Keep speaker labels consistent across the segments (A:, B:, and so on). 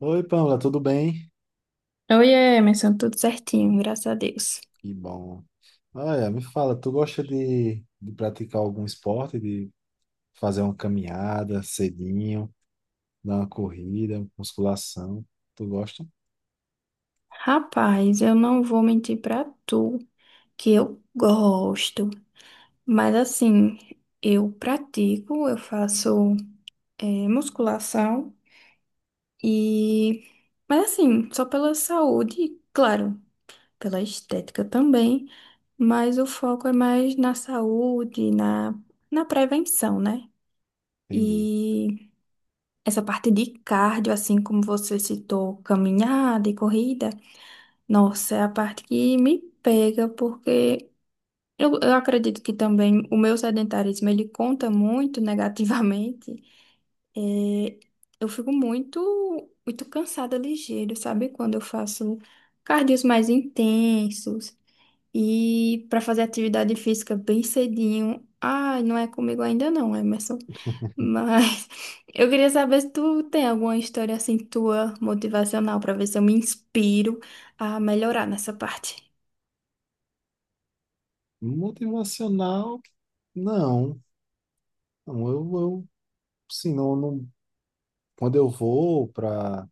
A: Oi, Pamela, tudo bem?
B: Oi, Emerson, tudo certinho, graças a Deus.
A: Que bom. Olha, me fala, tu gosta de praticar algum esporte, de fazer uma caminhada cedinho, dar uma corrida, musculação? Tu gosta?
B: Rapaz, eu não vou mentir pra tu que eu gosto, mas assim, eu pratico, eu faço musculação e. Mas assim, só pela saúde, claro, pela estética também, mas o foco é mais na saúde, na prevenção, né?
A: Entendi.
B: E essa parte de cardio, assim como você citou, caminhada e corrida. Nossa, é a parte que me pega, porque eu acredito que também o meu sedentarismo, ele conta muito negativamente. É, eu fico muito, muito cansada ligeiro, sabe? Quando eu faço cardios mais intensos e para fazer atividade física bem cedinho. Ai, não é comigo ainda não, Emerson. Mas eu queria saber se tu tem alguma história assim tua motivacional pra ver se eu me inspiro a melhorar nessa parte.
A: Motivacional, não. Não, eu sim, não, quando eu vou para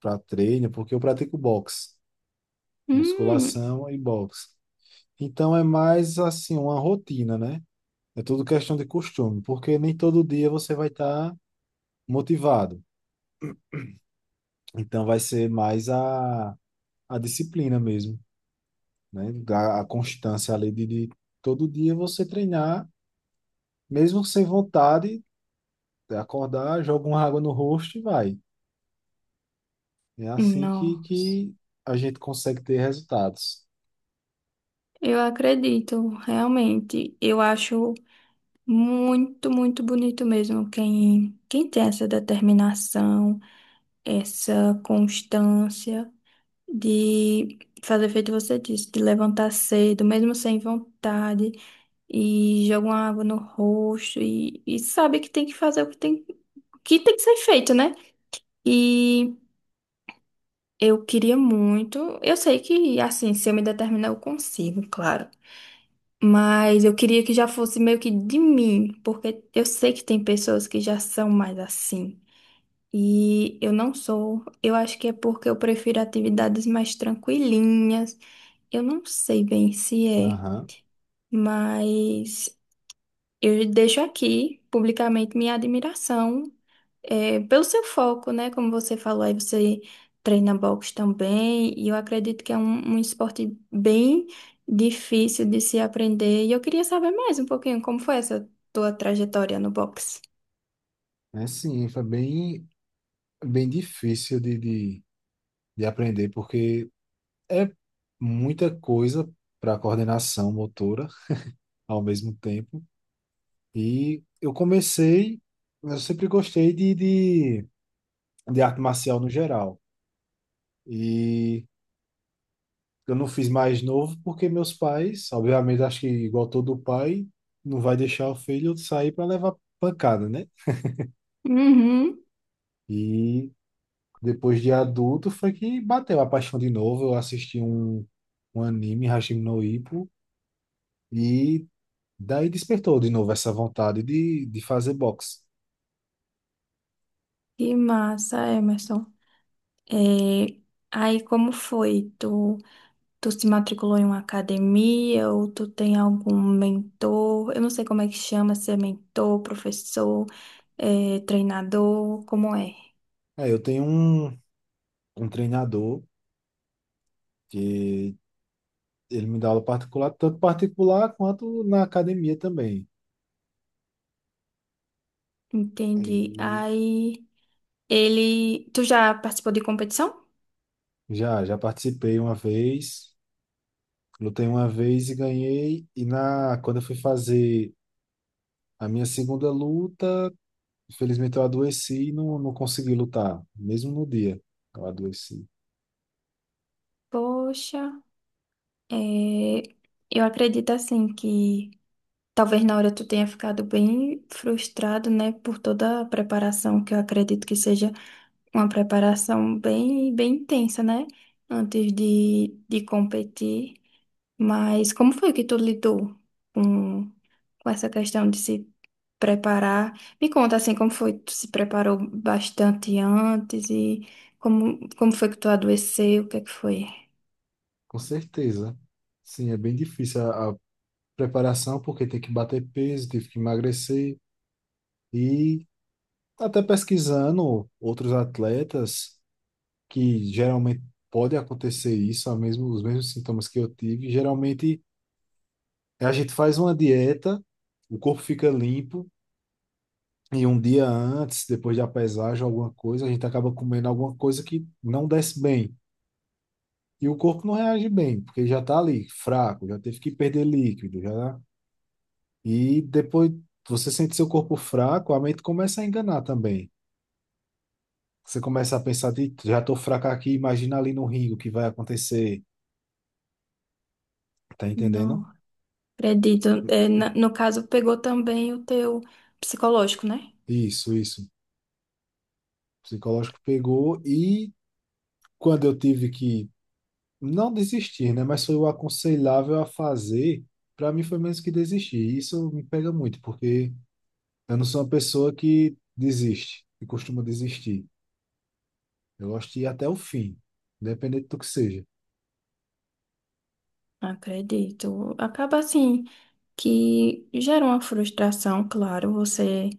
A: para treino, porque eu pratico boxe,
B: Hum,
A: musculação e boxe. Então é mais assim, uma rotina, né? É tudo questão de costume, porque nem todo dia você vai estar motivado. Então vai ser mais a disciplina mesmo, né? A constância ali de todo dia você treinar, mesmo sem vontade, acordar, joga uma água no rosto e vai. É assim que,
B: nossa.
A: que a gente consegue ter resultados.
B: Eu acredito, realmente. Eu acho muito, muito bonito mesmo quem tem essa determinação, essa constância de fazer feito você disse, de levantar cedo, mesmo sem vontade, e jogam água no rosto e sabe que tem que fazer o que tem que ser feito, né? E eu queria muito, eu sei que assim, se eu me determinar, eu consigo, claro. Mas eu queria que já fosse meio que de mim, porque eu sei que tem pessoas que já são mais assim. E eu não sou. Eu acho que é porque eu prefiro atividades mais tranquilinhas. Eu não sei bem se é,
A: Aham.
B: mas eu deixo aqui publicamente minha admiração pelo seu foco, né? Como você falou, aí você treina boxe também, e eu acredito que é um esporte bem difícil de se aprender. E eu queria saber mais um pouquinho como foi essa tua trajetória no boxe.
A: É sim, foi bem, bem difícil de aprender, porque é muita coisa para coordenação motora ao mesmo tempo. E eu comecei, eu sempre gostei de arte marcial no geral. E eu não fiz mais novo porque meus pais, obviamente, acho que igual todo pai, não vai deixar o filho sair para levar pancada, né?
B: Uhum.
A: E depois de adulto foi que bateu a paixão de novo. Eu assisti um anime, Hashim no Ippo, e daí despertou de novo essa vontade de fazer boxe.
B: Que massa, Emerson. Eh, Aí como foi? Tu se matriculou em uma academia ou tu tem algum mentor? Eu não sei como é que chama, se é mentor, professor. É, treinador, como é?
A: É, eu tenho um treinador que ele me dá aula particular, tanto particular quanto na academia também.
B: Entendi. Aí ele. Tu já participou de competição?
A: Já participei uma vez, lutei uma vez e ganhei. E na, quando eu fui fazer a minha segunda luta, infelizmente eu adoeci e não consegui lutar, mesmo no dia eu adoeci.
B: Poxa, é, eu acredito assim que talvez na hora tu tenha ficado bem frustrado, né, por toda a preparação, que eu acredito que seja uma preparação bem, bem intensa, né? Antes de competir. Mas como foi que tu lidou com, com essa questão de se preparar? Me conta assim, como foi que tu se preparou bastante antes e como, como foi que tu adoeceu? O que é que foi?
A: Com certeza. Sim, é bem difícil a preparação, porque tem que bater peso, tive que emagrecer. E até pesquisando outros atletas, que geralmente pode acontecer isso, a mesmo, os mesmos sintomas que eu tive, geralmente. A gente faz uma dieta, o corpo fica limpo, e um dia antes, depois da pesagem, alguma coisa, a gente acaba comendo alguma coisa que não desce bem. E o corpo não reage bem, porque ele já está ali, fraco, já teve que perder líquido, já. Tá. E depois você sente seu corpo fraco, a mente começa a enganar também. Você começa a pensar de, já estou fraco aqui, imagina ali no ringue o que vai acontecer. Tá entendendo?
B: Não, acredito. É, no caso, pegou também o teu psicológico, né?
A: Isso, isso. O psicológico pegou e quando eu tive que não desistir, né? Mas foi o aconselhável a fazer. Para mim foi menos que desistir. E isso me pega muito, porque eu não sou uma pessoa que desiste, que costuma desistir. Eu gosto de ir até o fim, independente do que seja.
B: Acredito. Acaba assim que gera uma frustração, claro, você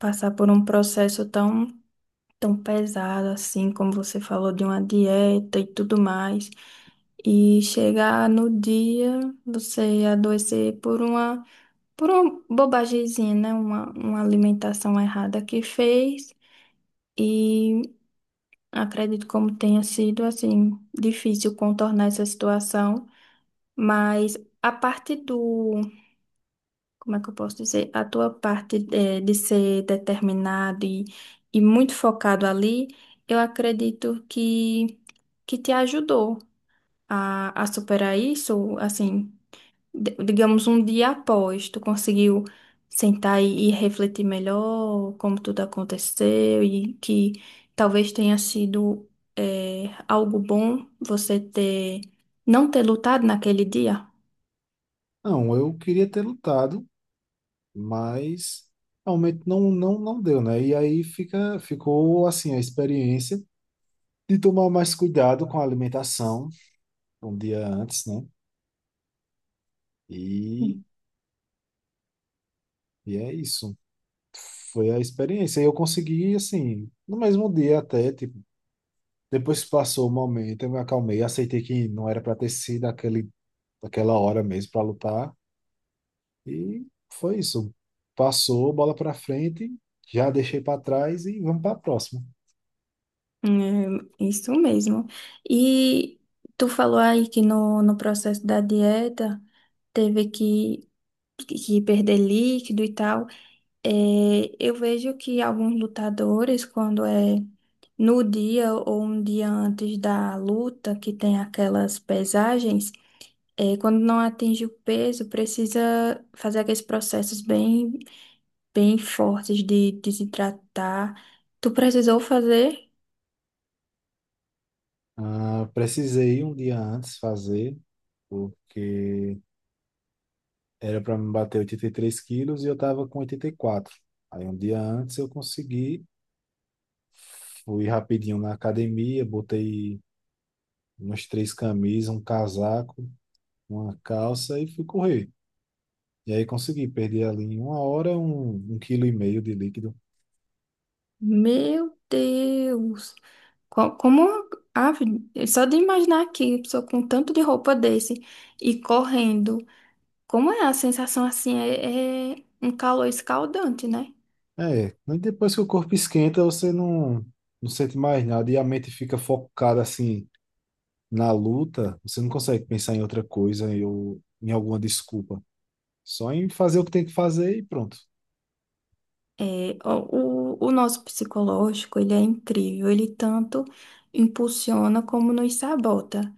B: passar por um processo tão, tão pesado assim, como você falou, de uma dieta e tudo mais, e chegar no dia você adoecer por uma bobagemzinha, né? Uma alimentação errada que fez, e acredito como tenha sido, assim, difícil contornar essa situação, mas a parte do como é que eu posso dizer? A tua parte de ser determinado e muito focado ali, eu acredito que te ajudou a superar isso, assim, digamos, um dia após, tu conseguiu sentar e refletir melhor como tudo aconteceu e que talvez tenha sido algo bom você ter, não ter lutado naquele dia.
A: Não, eu queria ter lutado, mas realmente não deu, né? E aí ficou assim a experiência de tomar mais cuidado com a alimentação um dia antes, né? E, e é isso. Foi a experiência. E eu consegui, assim, no mesmo dia até, tipo, depois que passou o momento, eu me acalmei, aceitei que não era para ter sido aquela hora mesmo para lutar. E foi isso. Passou, bola para frente, já deixei para trás e vamos para a próxima.
B: É, isso mesmo. E tu falou aí que no, no processo da dieta teve que perder líquido e tal. É, eu vejo que alguns lutadores, quando é no dia ou um dia antes da luta, que tem aquelas pesagens, é, quando não atinge o peso, precisa fazer aqueles processos bem, bem fortes de desidratar. Tu precisou fazer?
A: Ah, precisei um dia antes fazer, porque era para me bater 83 quilos e eu tava com 84. Aí um dia antes eu consegui, fui rapidinho na academia, botei umas três camisas, um casaco, uma calça e fui correr. E aí consegui perder ali em uma hora um quilo e meio de líquido.
B: Meu Deus! Como, ave, só de imaginar aqui, a pessoa com tanto de roupa desse e correndo, como é a sensação assim? É, é um calor escaldante, né?
A: É, mas depois que o corpo esquenta, você não, não sente mais nada e a mente fica focada assim na luta, você não consegue pensar em outra coisa em- ou em alguma desculpa. Só em fazer o que tem que fazer e pronto.
B: É, o nosso psicológico, ele é incrível, ele tanto impulsiona como nos sabota.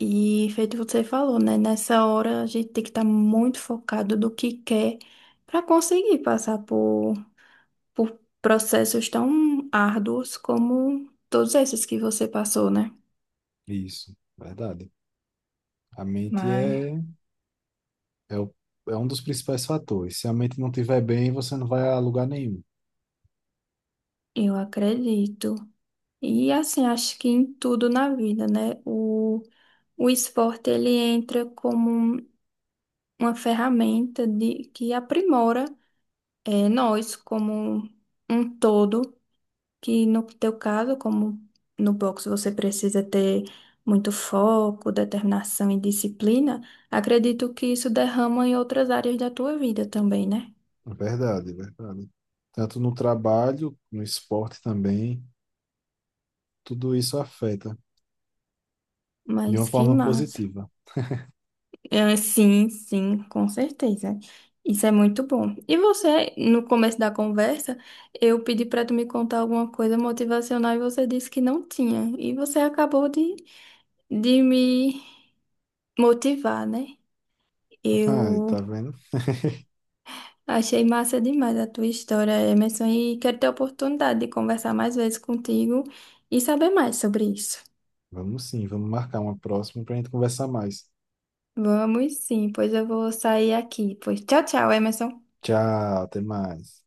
B: E feito você falou, né? Nessa hora a gente tem que estar muito focado do que quer para conseguir passar por processos tão árduos como todos esses que você passou, né?
A: Isso, verdade. A mente
B: Mas,
A: é É, o- é um dos principais fatores. Se a mente não estiver bem, você não vai a lugar nenhum.
B: eu acredito. E assim, acho que em tudo na vida, né? O esporte ele entra como um- uma ferramenta de, que aprimora nós como um todo que no teu caso, como no boxe você precisa ter muito foco, determinação e disciplina, acredito que isso derrama em outras áreas da tua vida também, né?
A: É verdade, é verdade. Tanto no trabalho, no esporte também, tudo isso afeta de uma
B: Mas que
A: forma
B: massa.
A: positiva.
B: É, sim, sim, com certeza. Isso é muito bom. E você, no começo da conversa, eu pedi para tu me contar alguma coisa motivacional e você disse que não tinha. E você acabou de me motivar, né?
A: Ah,
B: Eu
A: tá vendo?
B: achei massa demais a tua história, Emerson, e quero ter a oportunidade de conversar mais vezes contigo e saber mais sobre isso.
A: Vamos sim, vamos marcar uma próxima para a gente conversar mais.
B: Vamos sim, pois eu vou sair aqui. Pois tchau, tchau, Emerson.
A: Tchau, até mais.